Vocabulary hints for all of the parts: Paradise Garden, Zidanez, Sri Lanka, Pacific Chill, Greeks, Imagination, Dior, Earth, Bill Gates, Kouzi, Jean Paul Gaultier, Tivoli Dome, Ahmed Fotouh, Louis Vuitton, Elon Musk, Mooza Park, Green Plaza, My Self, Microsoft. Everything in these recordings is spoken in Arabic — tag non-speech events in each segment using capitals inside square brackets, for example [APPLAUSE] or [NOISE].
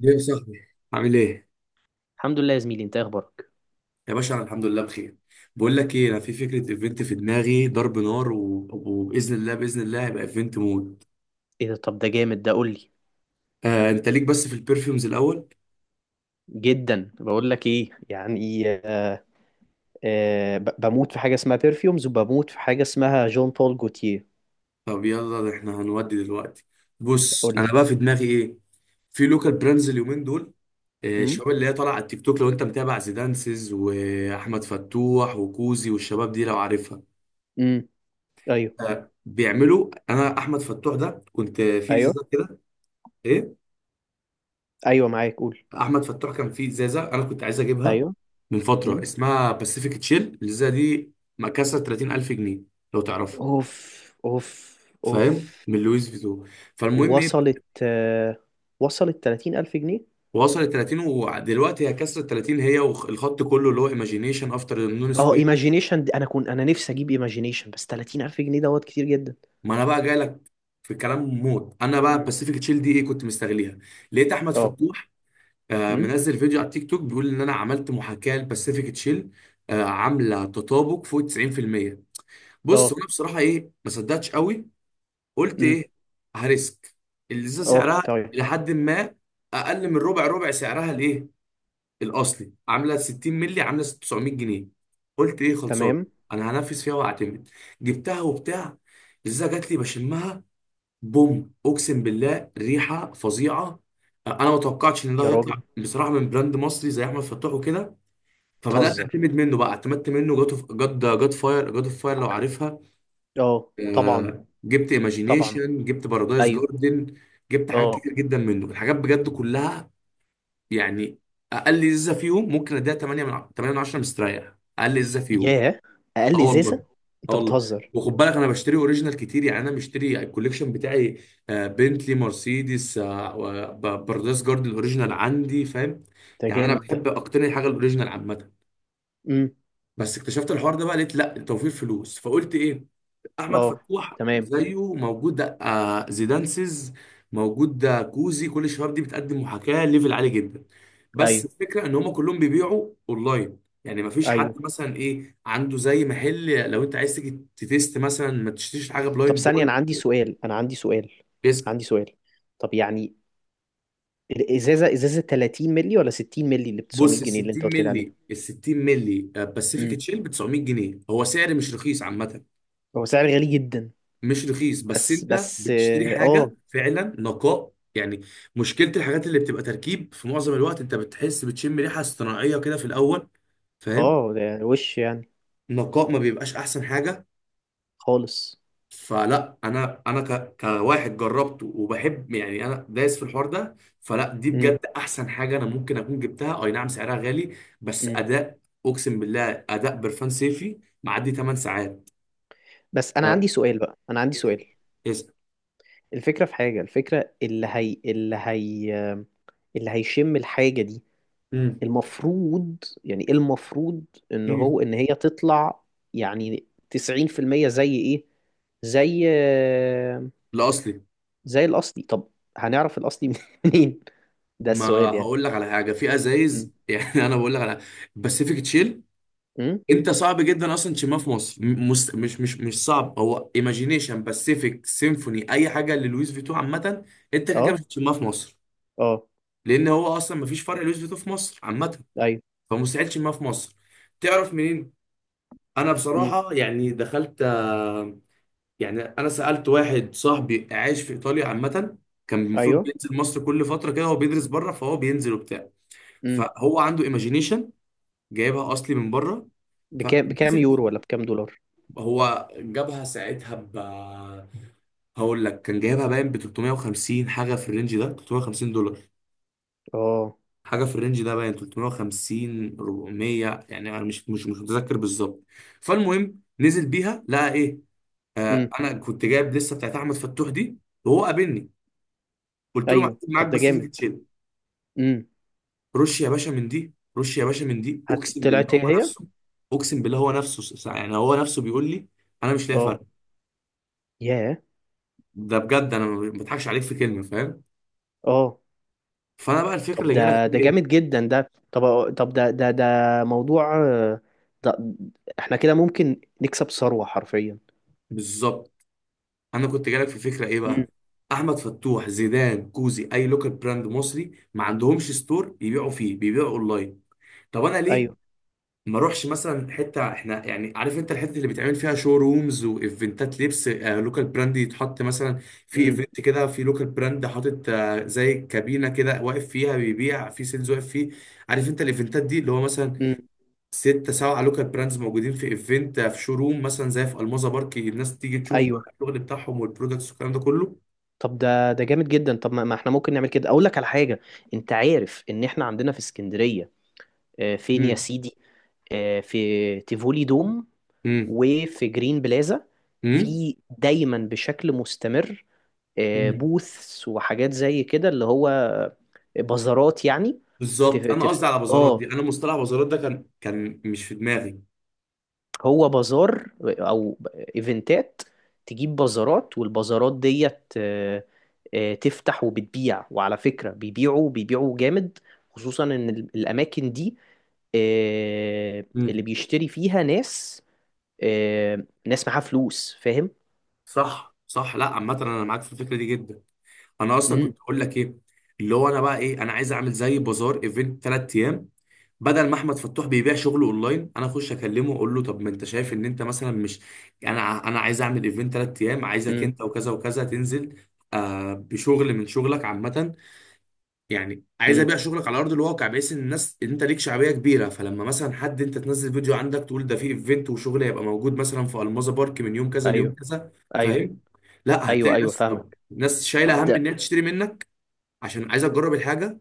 ليه يا صاحبي عامل ايه؟ الحمد لله يا زميلي، انت ايه اخبارك؟ يا باشا انا الحمد لله بخير. بقول لك ايه، انا في فكره ايفنت في دماغي ضرب نار و- وباذن الله باذن الله هيبقى ايفنت موت. ايه ده؟ طب ده جامد، ده قول لي. آه، انت ليك بس في البرفيومز الاول؟ جدا، بقول لك ايه يعني؟ آه، آه، بموت في حاجه اسمها بيرفيومز، وبموت في حاجه اسمها جون بول جوتيه. طب يلا، ده احنا هنودي دلوقتي. بص، قول انا لي. بقى في دماغي ايه؟ في لوكال براندز اليومين دول، آه، امم. الشباب اللي هي طالعه على التيك توك، لو انت متابع زيدانسز واحمد فتوح وكوزي والشباب دي لو عارفها. امم. ايوه. آه، بيعملوا، انا احمد فتوح ده كنت في ايوه. ازازه كده. ايه، ايوه معاك، قول. احمد فتوح كان في ازازه، انا كنت عايز اجيبها ايوه. من فتره، امم. اسمها باسيفيك تشيل، الازازه دي مكسره 30,000 جنيه لو تعرفها، اوف. اوف. اوف. فاهم، من لويس فيتو. فالمهم ايه، وصلت؟ آه، وصلت 30000 جنيه. وصلت 30، ودلوقتي هي كسرت 30 هي والخط كله اللي هو ايماجينيشن افتر نون اه، سويم. ايماجينيشن دي انا كنت، انا نفسي اجيب ايماجينيشن، بس 30000 جنيه دوت كتير جدا. ما انا بقى جاي لك في كلام موت. انا بقى مم. باسيفيك تشيل دي ايه، كنت مستغليها، لقيت احمد اه. فتوح آه، امم. منزل فيديو على التيك توك بيقول ان انا عملت محاكاه لباسيفيك تشيل، آه، عامله تطابق فوق 90%. بص، اه. وانا بصراحه، ايه، ما صدقتش قوي. قلت امم. ايه، هريسك، اللي اه. سعرها طيب. الى حد ما اقل من ربع ربع سعرها، الايه، الاصلي، عامله 60 مللي عامله 900 جنيه. قلت ايه، خلصان، تمام. انا هنفذ فيها واعتمد. جبتها وبتاع، الازازه جات لي، بشمها، بوم، اقسم بالله ريحه فظيعه. انا ما توقعتش ان ده يا راجل، هيطلع بصراحه من براند مصري زي احمد فتوح وكده. فبدات بتهزر. اعتمد منه بقى، اعتمدت منه جاد جاد جاد فاير، جاد اوف فاير لو عارفها. اه طبعا. آه، جبت طبعا. ايماجينيشن، جبت بارادايس ايوه. جاردن، جبت حاجات اه. كتير جدا منه، الحاجات بجد كلها يعني اقل ازازه فيهم ممكن اديها 8 من 8 من 10 مستريح، اقل ازازه فيهم. ياه. اقل اه والله. ازازه؟ اه انت والله. بتهزر. وخد بالك انا بشتري اوريجينال كتير، يعني انا مشتري الكوليكشن بتاعي، آه، بنتلي، مرسيدس، آه، بارادايس جاردن الاوريجينال عندي، فاهم. ده يعني انا جامد ده. بحب اقتني حاجه الاوريجينال عامه، امم. بس اكتشفت الحوار ده بقى، لقيت لا، توفير فلوس، فقلت ايه، احمد اه. فتوح تمام. زيه موجود، آه، زيدانسز موجود، آه، كوزي، كل الشباب دي بتقدم محاكاه ليفل عالي جدا. بس ايوه. الفكره ان هم كلهم بيبيعوا اونلاين، يعني ما فيش حد ايوه. مثلا، ايه، عنده زي محل، لو انت عايز تيجي تتست مثلا، ما تشتريش حاجه طب بلايند ثانيه، باي. انا عندي سؤال، انا عندي سؤال. بيسأل. عندي سؤال، طب يعني الازازه، ازازه 30 مللي ولا 60 مللي اللي ب 900 بص، ال جنيه اللي انت 60 قلت لي عليها؟ مللي، ال 60 مللي باسيفيك امم. تشيل ب 900 جنيه، هو سعر مش رخيص عامه. هو سعر غالي جدا. مش رخيص، بس بس انت بس. بتشتري اه. حاجه فعلا نقاء يعني. مشكله الحاجات اللي بتبقى تركيب في معظم الوقت انت بتحس بتشم ريحه اصطناعيه كده في الاول، فاهم. اه ده وش يعني؟ نقاء ما بيبقاش احسن حاجه. خالص. فلا، انا كواحد جربته وبحب يعني، انا دايس في الحوار ده، فلا دي امم. بجد احسن حاجه انا ممكن اكون جبتها، اي نعم سعرها غالي، بس امم. اداء، اقسم بالله اداء برفان صيفي معدي 8 ساعات. بس انا ف- عندي سؤال بقى، انا عندي سؤال. اسأل. الفكرة في حاجة، الفكرة اللي هي اللي هي اللي هيشم الحاجة دي، امم المفروض، يعني إيه المفروض ان امم هو، ان هي تطلع يعني 90% زي ايه؟ زي، لا، اصلي، زي الاصلي. طب هنعرف الاصلي [LAUGHS] منين؟ ده ما السؤال يعني. هقول لك على حاجه في امم. ازايز [LAUGHS] يعني انا بقول لك على باسيفيك تشيل، امم. انت صعب جدا اصلا تشمها في مصر، مش صعب. هو ايماجينيشن، باسيفيك، سيمفوني، اي حاجه للويس فيتو عامه انت كده كده اه. مش هتشمها في مصر، اه. لان هو اصلا مفيش فرق لويس فيتو في مصر عامه، ايوه. فمستحيل تشمها في مصر. تعرف منين؟ انا امم. بصراحه يعني دخلت، آه، يعني انا سالت واحد صاحبي عايش في ايطاليا عامه، كان المفروض ايوه. بينزل مصر كل فتره كده، هو بيدرس بره فهو بينزل وبتاع، امم. فهو عنده ايماجينيشن جايبها اصلي من بره، بكام، بكام فنزل يورو دي، ولا بكام دولار؟ هو جابها ساعتها ب، هقول لك، كان جايبها باين ب 350 حاجه في الرينج ده، 350 دولار اه. حاجه في الرينج ده، باين 350 400، يعني انا مش متذكر بالظبط. فالمهم، نزل بيها، لقى ايه، آه، امم. انا كنت جايب لسه بتاعت احمد فتوح دي، وهو قابلني، قلت له معاك، ايوه. معاك طب ده جامد. باسيفيك تشيل، امم. رش يا باشا من دي، رش يا باشا من دي، اقسم بالله طلعت هي هو هي. نفسه، اقسم بالله هو نفسه، يعني هو نفسه بيقول لي انا مش لاقي فرق. اه. ياه. ده بجد انا ما بضحكش عليك في كلمه، فاهم. اه. فانا بقى الفكره طب اللي جالك ده، في ده ايه، جامد جدا ده. طب طب ده ده موضوع، آه، ده احنا كده ممكن نكسب ثروة حرفيا. بالظبط، انا كنت جالك في فكره ايه امم. بقى، احمد فتوح، زيدان، كوزي، اي لوكال براند مصري ما عندهمش ستور يبيعوا فيه، بيبيعوا اونلاين. طب انا ليه ايوه. ما اروحش مثلا حته، احنا يعني عارف انت الحته اللي بيتعمل فيها شو رومز وايفنتات لبس، آه، لوكال براند يتحط مثلا في امم. ايفنت كده، في لوكال براند حاطط، آه، زي كابينه كده، واقف فيها بيبيع في سيلز، واقف فيه، عارف انت الايفنتات دي اللي هو مثلا امم. ستة سبعة لوكال براندز موجودين في ايفنت، في شوروم مثلا زي في الموزة بارك، الناس تيجي تشوف بقى ايوه. الشغل بتاعهم، والبرودكتس، والكلام ده كله. طب ده، ده جامد جدا. طب ما ما احنا ممكن نعمل كده. اقول لك على حاجة، انت عارف ان احنا عندنا في اسكندرية، آه، فين يا مم. سيدي، آه، في تيفولي دوم، مم. وفي جرين بلازا، مم. في دايما بشكل مستمر، آه، مم. بوثس وحاجات زي كده، اللي هو بازارات يعني. تف... بالظبط، انا تف... قصدي على بازارات دي، اه، انا مصطلح بازارات ده كان مش في دماغي. هو بازار او ايفنتات، تجيب بازارات، والبازارات ديت، آه، آه، تفتح وبتبيع. وعلى فكرة بيبيعوا، بيبيعوا جامد، خصوصا ان الاماكن دي، آه، اللي مم. بيشتري فيها ناس، آه، ناس معاها فلوس، فاهم؟ صح، صح، لا عامة انا معاك في الفكرة دي جدا. انا اصلا امم. كنت اقول لك ايه، اللي هو انا بقى ايه، انا عايز اعمل زي بازار، ايفنت 3 ايام، بدل ما احمد فتوح بيبيع شغله اونلاين، انا اخش اكلمه، اقول له طب ما انت شايف ان انت مثلا مش، انا عايز اعمل ايفنت 3 ايام، عايزك امم. انت وكذا وكذا تنزل، آه، بشغل من شغلك عامه، يعني عايز امم. ابيع شغلك على ارض الواقع، بحيث ان الناس، ان انت ليك شعبيه كبيره، فلما مثلا، حد انت تنزل فيديو عندك تقول ده في ايفنت وشغل هيبقى موجود مثلا في الماظه بارك من يوم كذا ليوم ايوه. كذا، ايوه. فاهم. لا، ايوه. هتلاقي ايوه ناس، فاهمك. طب ناس طب شايله هم ده، ان هي تشتري منك، عشان عايزه تجرب الحاجه.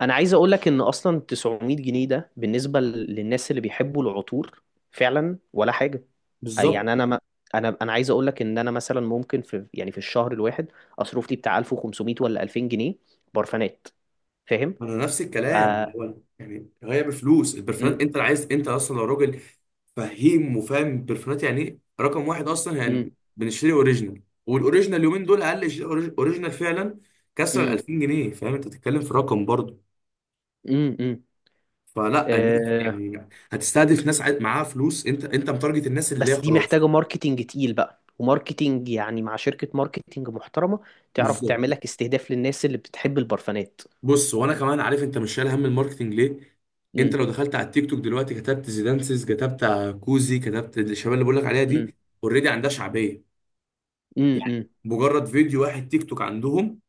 انا عايز اقول لك ان اصلا 900 جنيه ده بالنسبه للناس اللي بيحبوا العطور فعلا ولا حاجه. بالظبط، يعني انا ما، انا انا عايز اقول لك ان انا مثلا ممكن في، يعني في الشهر الواحد اصرف لي بتاع 1500 ولا 2000 جنيه برفانات، فاهم؟ انا نفس الكلام، آه. هو يعني هي بفلوس البرفانات، امم. انت عايز، انت اصلا لو راجل فهيم وفاهم برفانات يعني، ايه، رقم واحد اصلا امم. يعني بنشتري اوريجينال، والاوريجينال اليومين دول اقل شيء اوريجينال فعلا كسر ال 2000 جنيه، فاهم، انت بتتكلم في رقم برضه، امم. امم. فلا الناس آه. يعني هتستهدف ناس معاها فلوس، انت متارجت الناس اللي بس هي دي خلاص. محتاجه ماركتينج تقيل بقى، وماركتينج يعني مع شركه ماركتينج محترمه تعرف تعمل بالظبط، لك استهداف للناس اللي بتحب البرفانات. بص، وانا كمان عارف انت مش شايل هم الماركتنج ليه، انت امم. لو دخلت على التيك توك دلوقتي كتبت زيدانسز، كتبت كوزي، كتبت الشباب اللي بقول لك عليها امم. دي، اوريدي عندها شعبيه، يعني امم. مجرد فيديو واحد تيك توك عندهم،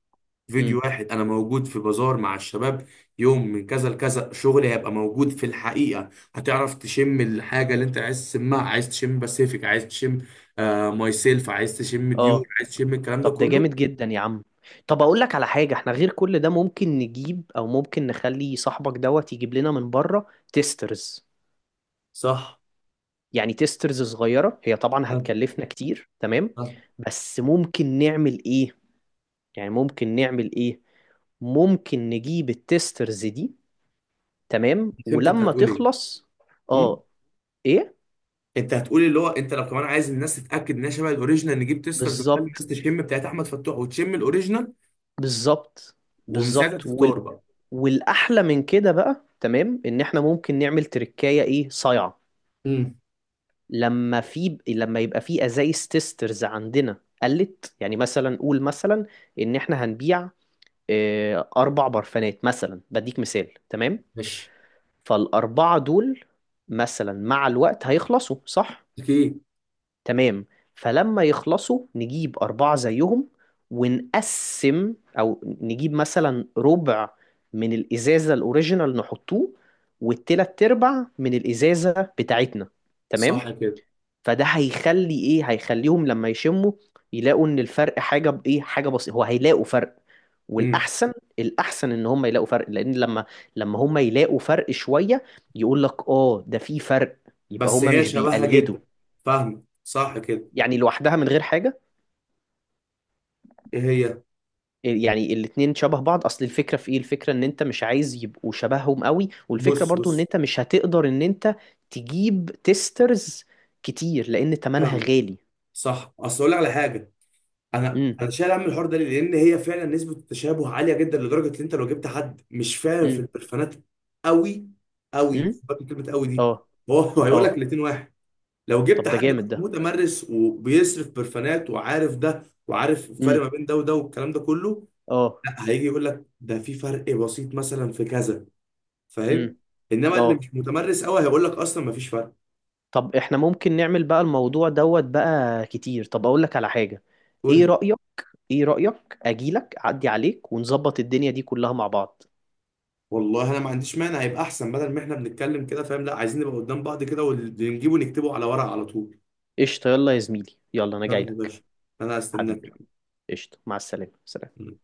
فيديو واحد انا موجود في بازار مع الشباب، يوم من كذا لكذا، شغلي هيبقى موجود في الحقيقه، هتعرف تشم الحاجه اللي انت عايز تشمها، عايز تشم باسيفيك، عايز تشم، آه، ماي سيلف، عايز تشم امم. ديور، عايز تشم الكلام ده طب ده كله. جامد جدا يا عم. طب اقول لك على حاجة، احنا غير كل ده ممكن نجيب، او ممكن نخلي صاحبك دوت يجيب لنا من بره تيسترز. صح. يعني تيسترز صغيرة، هي طبعا آه، هتكلفنا كتير، تمام، آه. بس ممكن نعمل ايه؟ يعني ممكن نعمل ايه؟ ممكن نجيب التيسترز دي، تمام، فهمت انت ولما هتقول ايه، تخلص. م؟ اه. ايه. انت هتقول اللي هو انت لو كمان عايز الناس تتاكد انها شبه الاوريجينال، نجيب تيسترز، نخلي الناس بالظبط. تشم بتاعت احمد فتوح وتشم الاوريجينال، بالظبط. ومن ساعتها بالظبط. تختار وال... بقى. والاحلى من كده بقى، تمام، ان احنا ممكن نعمل تركاية ايه صايعة. امم. لما في، لما يبقى في ازايز تيسترز عندنا، قلت يعني مثلا، قول مثلا ان احنا هنبيع، آه، اربع برفانات مثلا، بديك مثال، تمام. ماشي. فالاربعه دول مثلا مع الوقت هيخلصوا، صح؟ اكيد. تمام. فلما يخلصوا نجيب اربعه زيهم، ونقسم، او نجيب مثلا ربع من الازازه الاوريجينال نحطوه، والتلات ارباع من الازازه بتاعتنا، صح تمام. كده. فده هيخلي ايه، هيخليهم لما يشموا يلاقوا ان الفرق حاجه بايه، حاجه بسيطه. هو هيلاقوا فرق، امم. والاحسن، الاحسن ان هم يلاقوا فرق، لان لما، لما يلاقوا فرق شويه، يقول لك اه ده في فرق، يبقى بس هم هي مش شبهها بيقلدوا. جدا، فاهمه، صح كده. يعني لوحدها من غير حاجه، ايه هي؟ يعني الاتنين شبه بعض. اصل الفكره في ايه؟ الفكره ان انت مش عايز يبقوا شبههم قوي. والفكره بص، برضو ان بص، انت مش هتقدر ان انت تجيب تيسترز كتير لان تمنها فاهمه، غالي. صح. اصل اقول لك على حاجه، انا امم. انا شايل هم الحوار ده ليه؟ لان هي فعلا نسبه التشابه عاليه جدا، لدرجه ان انت لو جبت حد مش فاهم في امم. البرفانات قوي، قوي امم. خد بالك من كلمه قوي دي، اه. هو [LAUGHS] هو هيقول لك اه. الاتنين واحد. لو جبت طب ده حد بقى جامد ده. متمرس وبيصرف برفانات، وعارف ده وعارف الفرق امم. ما بين ده وده والكلام ده كله، اه. لا، هيجي يقول لك ده في فرق بسيط مثلا في كذا، امم. فاهم. انما اه. اللي مش متمرس قوي هيقول لك اصلا ما فيش فرق. طب احنا ممكن نعمل بقى الموضوع دوت بقى كتير. طب اقول لك على حاجة، قول ايه لي. رأيك، ايه رأيك اجيلك اعدي عليك ونظبط الدنيا دي كلها مع بعض؟ والله انا ما عنديش مانع، يبقى احسن بدل ما احنا بنتكلم كده فاهم، لا، عايزين نبقى قدام بعض كده، واللي نجيبه نكتبه على ورق على طول. قشطة، يلا يا زميلي، يلا انا يلا يا جايلك. باشا، انا هستناك. حبيبي، قشطة، مع السلامة، سلام. يعني